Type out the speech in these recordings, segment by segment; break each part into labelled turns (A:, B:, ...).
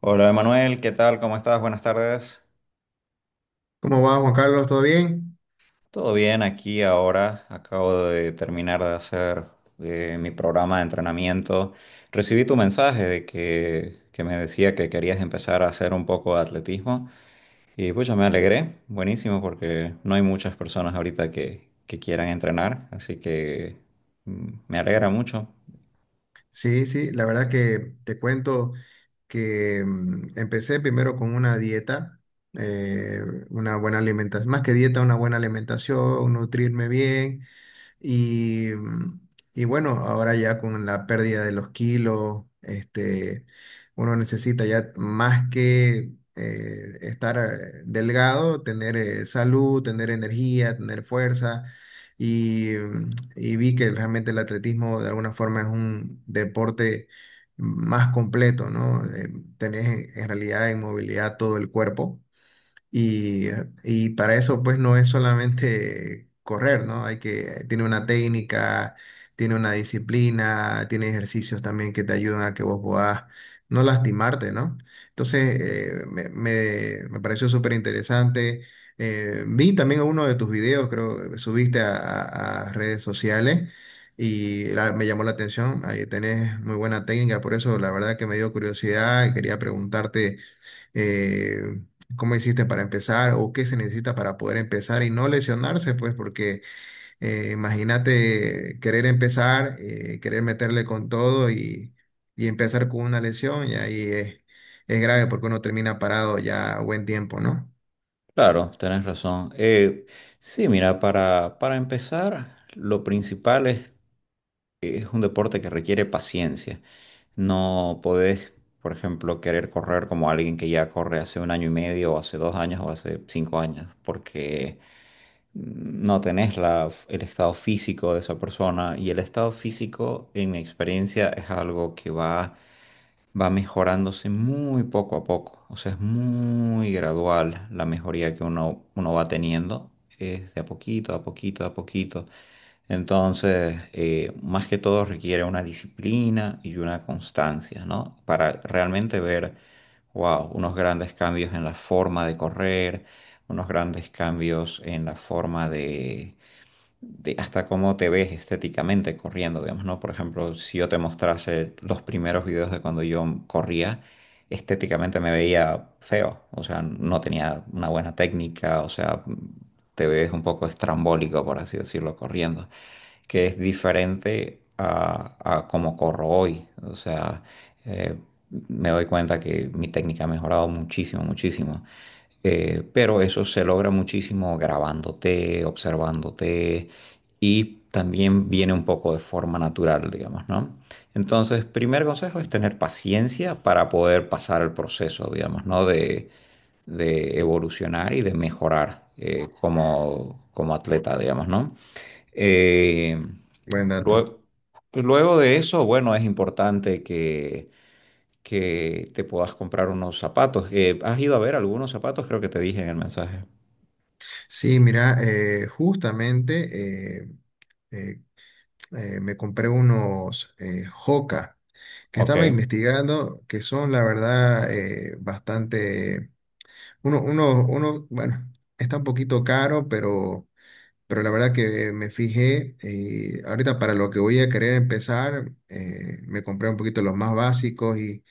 A: Hola Emanuel, ¿qué tal? ¿Cómo estás? Buenas tardes.
B: ¿Cómo va, Juan Carlos? ¿Todo bien?
A: Todo bien aquí ahora. Acabo de terminar de hacer mi programa de entrenamiento. Recibí tu mensaje de que me decía que querías empezar a hacer un poco de atletismo y pues me alegré. Buenísimo porque no hay muchas personas ahorita que quieran entrenar, así que me alegra mucho.
B: Sí, sí, la verdad que te cuento que empecé primero con una dieta, eh, una buena alimentación, más que dieta, una buena alimentación, nutrirme bien, Y, y bueno, ahora ya con la pérdida de los kilos, este, uno necesita ya más que estar delgado, tener salud, tener energía, tener fuerza. Y, mm, y vi que realmente el atletismo de alguna forma es un deporte más completo, ¿no? Tenés en realidad en movilidad todo el cuerpo y, y para eso, pues, no es solamente correr, ¿no? Hay que, tiene una técnica, tiene una disciplina, tiene ejercicios también que te ayudan a que vos puedas no lastimarte, ¿no? Entonces, me pareció súper interesante. Vi también uno de tus videos, creo, que subiste a, a redes sociales me llamó la atención. Ahí tenés muy buena técnica, por eso la verdad que me dio curiosidad y quería preguntarte eh, cómo hiciste para empezar o qué se necesita para poder empezar y no lesionarse, pues porque imagínate querer empezar, querer meterle con todo y empezar con una lesión y ahí es grave porque uno termina parado ya buen tiempo, ¿no?
A: Claro, tenés razón. Sí, mira, para empezar, lo principal es un deporte que requiere paciencia. No podés, por ejemplo, querer correr como alguien que ya corre hace un año y medio, o hace dos años, o hace cinco años, porque no tenés el estado físico de esa persona. Y el estado físico, en mi experiencia, es algo que va mejorándose muy poco a poco. O sea, es muy gradual la mejoría que uno va teniendo. Es de a poquito, a poquito, a poquito. Entonces, más que todo requiere una disciplina y una constancia, ¿no? Para realmente ver, wow, unos grandes cambios en la forma de correr, unos grandes cambios en la forma de hasta cómo te ves estéticamente corriendo, digamos, ¿no? Por ejemplo, si yo te mostrase los primeros videos de cuando yo corría, estéticamente me veía feo, o sea, no tenía una buena técnica, o sea, te ves un poco estrambólico, por así decirlo, corriendo, que es diferente a cómo corro hoy, o sea, eh, me doy cuenta que mi técnica ha mejorado muchísimo, muchísimo. Pero eso se logra muchísimo grabándote, observándote y también viene un poco de forma natural, digamos, ¿no? Entonces, primer consejo es tener paciencia para poder pasar el proceso, digamos, ¿no? De evolucionar y de mejorar como, como atleta, digamos, ¿no? Eh,
B: Buen dato.
A: luego, luego de eso, bueno, es importante que te puedas comprar unos zapatos. ¿Has ido a ver algunos zapatos? Creo que te dije en el mensaje.
B: Sí, mira, justamente eh, me compré unos Hoka que
A: Ok.
B: estaba investigando, que son la verdad bastante. Uno, bueno, está un poquito caro, pero la verdad que me fijé y ahorita para lo que voy a querer empezar, me compré un poquito los más básicos y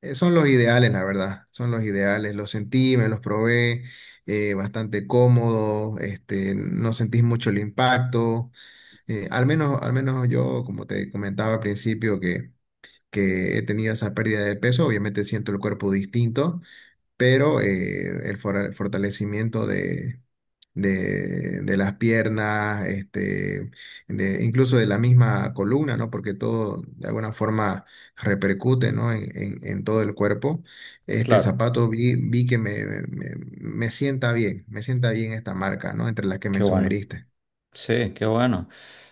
B: son los ideales, la verdad, son los ideales, los sentí, me los probé, bastante cómodo, este, no sentís mucho el impacto, al menos yo, como te comentaba al principio, que he tenido esa pérdida de peso, obviamente siento el cuerpo distinto, pero el fortalecimiento de, de las piernas, este, de, incluso de la misma columna, ¿no? Porque todo de alguna forma repercute, ¿no? En todo el cuerpo. Este
A: Claro,
B: zapato vi, me sienta bien esta marca, ¿no? Entre las que
A: qué
B: me
A: bueno.
B: sugeriste.
A: Sí, qué bueno.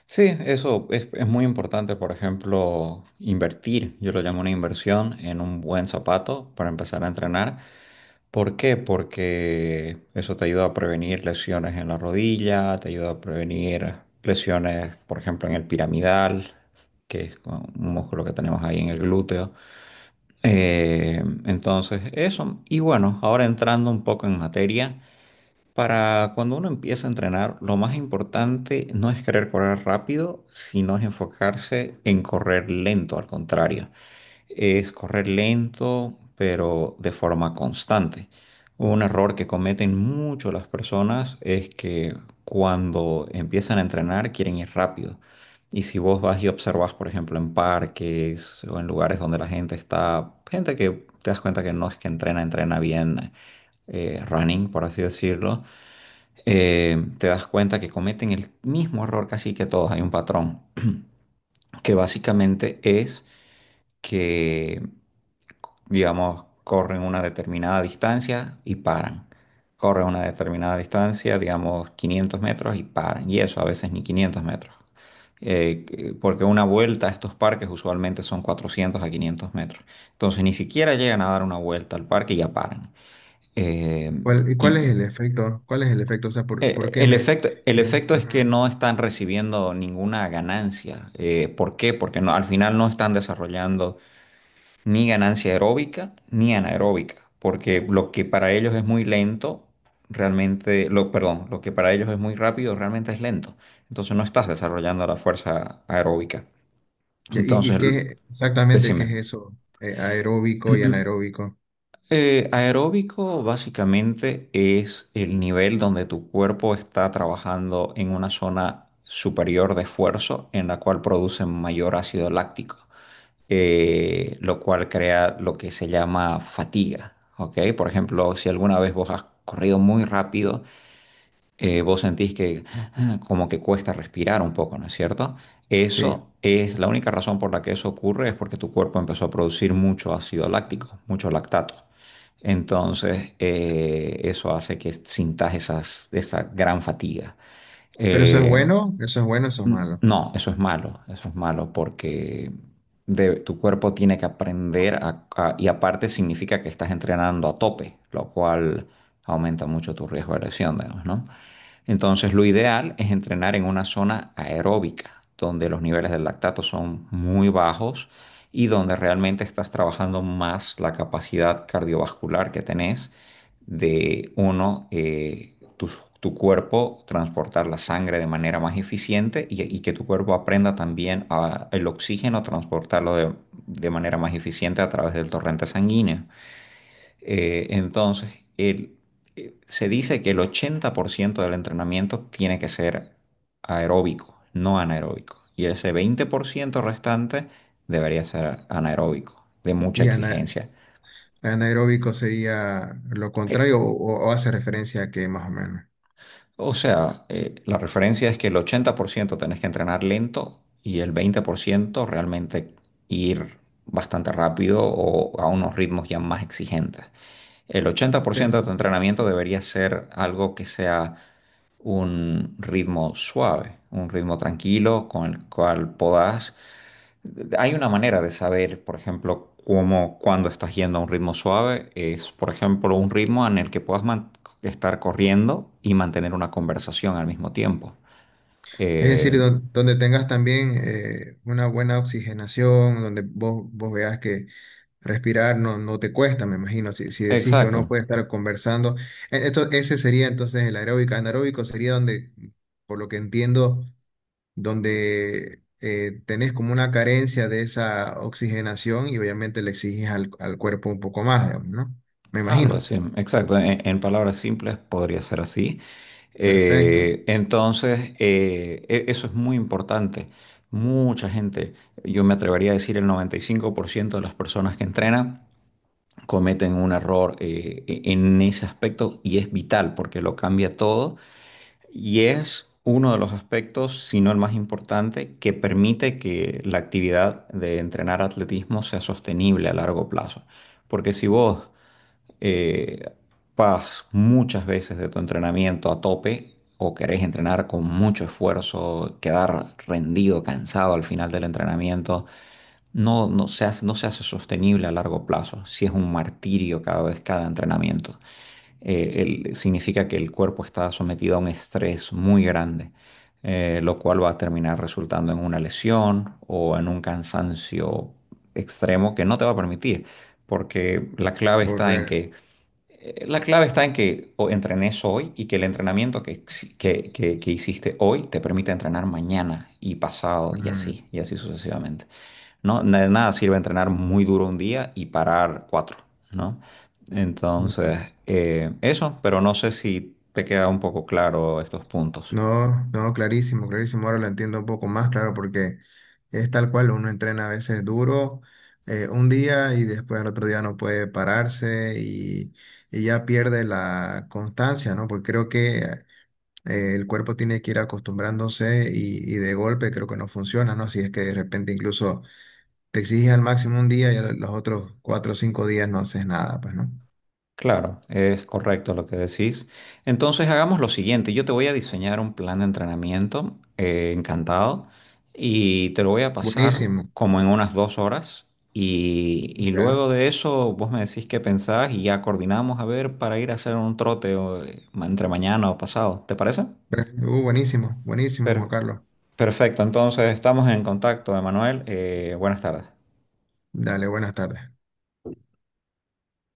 A: Sí, eso es muy importante, por ejemplo, invertir, yo lo llamo una inversión en un buen zapato para empezar a entrenar. ¿Por qué? Porque eso te ayuda a prevenir lesiones en la rodilla, te ayuda a prevenir lesiones, por ejemplo, en el piramidal, que es un músculo que tenemos ahí en el glúteo. Entonces, eso. Y bueno, ahora entrando un poco en materia, para cuando uno empieza a entrenar, lo más importante no es querer correr rápido, sino es enfocarse en correr lento, al contrario es correr lento, pero de forma constante. Un error que cometen mucho las personas es que cuando empiezan a entrenar quieren ir rápido. Y si vos vas y observas, por ejemplo, en parques o en lugares donde la gente está, gente que te das cuenta que no es que entrena, entrena bien running, por así decirlo, te das cuenta que cometen el mismo error casi que todos. Hay un patrón que básicamente es que digamos, corren una determinada distancia y paran. Corren una determinada distancia, digamos, 500 metros y paran. Y eso a veces ni 500 metros. Porque una vuelta a estos parques usualmente son 400 a 500 metros. Entonces ni siquiera llegan a dar una vuelta al parque y ya paran. Eh,
B: ¿Y cuál es
A: y
B: el efecto? ¿Cuál es el efecto? O sea, ¿por
A: eh,
B: qué
A: el
B: me...
A: efecto, el efecto es que
B: ujú.
A: no están recibiendo ninguna ganancia. ¿Por qué? Porque no, al final no están desarrollando ni ganancia aeróbica ni anaeróbica, porque lo que para ellos es muy lento, realmente, perdón, lo que para ellos es muy rápido, realmente es lento. Entonces no estás desarrollando la fuerza aeróbica.
B: ¿Y
A: Entonces, l-
B: qué exactamente qué
A: Decime.
B: es eso? Aeróbico y anaeróbico.
A: Aeróbico básicamente es el nivel donde tu cuerpo está trabajando en una zona superior de esfuerzo en la cual produce mayor ácido láctico. Lo cual crea lo que se llama fatiga, ¿ok? Por ejemplo, si alguna vez vos has corrido muy rápido, vos sentís que como que cuesta respirar un poco, ¿no es cierto?
B: Sí.
A: Eso es la única razón por la que eso ocurre, es porque tu cuerpo empezó a producir mucho ácido láctico, mucho lactato. Entonces, eso hace que sintas esa gran fatiga.
B: Pero eso es
A: Eh,
B: bueno, eso es bueno, eso es malo.
A: No, eso es malo porque tu cuerpo tiene que aprender a- y aparte significa que estás entrenando a tope, lo cual aumenta mucho tu riesgo de lesión, digamos, ¿no? Entonces, lo ideal es entrenar en una zona aeróbica, donde los niveles del lactato son muy bajos y donde realmente estás trabajando más la capacidad cardiovascular que tenés de, uno, tu cuerpo transportar la sangre de manera más eficiente y que tu cuerpo aprenda también a, el oxígeno transportarlo de manera más eficiente a través del torrente sanguíneo. Eh, entonces, el- Se dice que el 80% del entrenamiento tiene que ser aeróbico, no anaeróbico. Y ese 20% restante debería ser anaeróbico, de mucha
B: Y
A: exigencia.
B: anaeróbico sería lo
A: Eh,
B: contrario o hace referencia a que más o menos.
A: o sea, la referencia es que el 80% tenés que entrenar lento y el 20% realmente ir bastante rápido o a unos ritmos ya más exigentes. El
B: Eh,
A: 80% de tu entrenamiento debería ser algo que sea un ritmo suave, un ritmo tranquilo con el cual podás. Hay una manera de saber, por ejemplo, cómo, cuando estás yendo a un ritmo suave, es, por ejemplo, un ritmo en el que estar corriendo y mantener una conversación al mismo tiempo.
B: Es
A: Eh,
B: decir, donde tengas también una buena oxigenación, donde vos, vos veas que respirar no, no te cuesta, me imagino. Si, si decís que uno
A: exacto.
B: puede estar conversando, esto, ese sería entonces el aeróbico. Anaeróbico sería donde, por lo que entiendo, donde tenés como una carencia de esa oxigenación y obviamente le exiges al, al cuerpo un poco más, digamos, ¿no? Me
A: Algo
B: imagino.
A: así, exacto. En palabras simples podría ser así.
B: Perfecto.
A: Eso es muy importante. Mucha gente, yo me atrevería a decir el 95% de las personas que entrenan cometen un error en ese aspecto y es vital porque lo cambia todo y es uno de los aspectos, si no el más importante, que permite que la actividad de entrenar atletismo sea sostenible a largo plazo. Porque si vos eh, vas muchas veces de tu entrenamiento a tope o querés entrenar con mucho esfuerzo, quedar rendido, cansado al final del entrenamiento, no se hace, no se hace sostenible a largo plazo. Si es un martirio cada vez cada entrenamiento, Eh, Significa que el cuerpo está sometido a un estrés muy grande. Lo cual va a terminar resultando en una lesión o en un cansancio extremo que no te va a permitir, porque la clave está en
B: Volver.
A: que la clave está en que o entrenes hoy y que el entrenamiento que, exi- que hiciste hoy te permite entrenar mañana y pasado y así sucesivamente. Nada sirve entrenar muy duro un día y parar cuatro, ¿no?
B: Ujú, ujú.
A: Entonces, eso, pero no sé si te queda un poco claro estos puntos.
B: No, no, clarísimo, clarísimo. Ahora lo entiendo un poco más, claro, porque es tal cual, uno entrena a veces duro un día y después al otro día no puede pararse y ya pierde la constancia, ¿no? Porque creo que el cuerpo tiene que ir acostumbrándose y de golpe creo que no funciona, ¿no? Si es que de repente incluso te exiges al máximo un día y a los otros cuatro o cinco días no haces nada, pues, ¿no?
A: Claro, es correcto lo que decís. Entonces hagamos lo siguiente, yo te voy a diseñar un plan de entrenamiento, encantado, y te lo voy a pasar
B: Buenísimo,
A: como en unas 2 horas y
B: ya.
A: luego de eso vos me decís qué pensás y ya coordinamos a ver para ir a hacer un trote o, entre mañana o pasado, ¿te parece?
B: Pero, buenísimo, buenísimo,
A: Per-
B: Juan Carlos.
A: perfecto, entonces estamos en contacto, Emanuel, buenas tardes.
B: Dale, buenas tardes.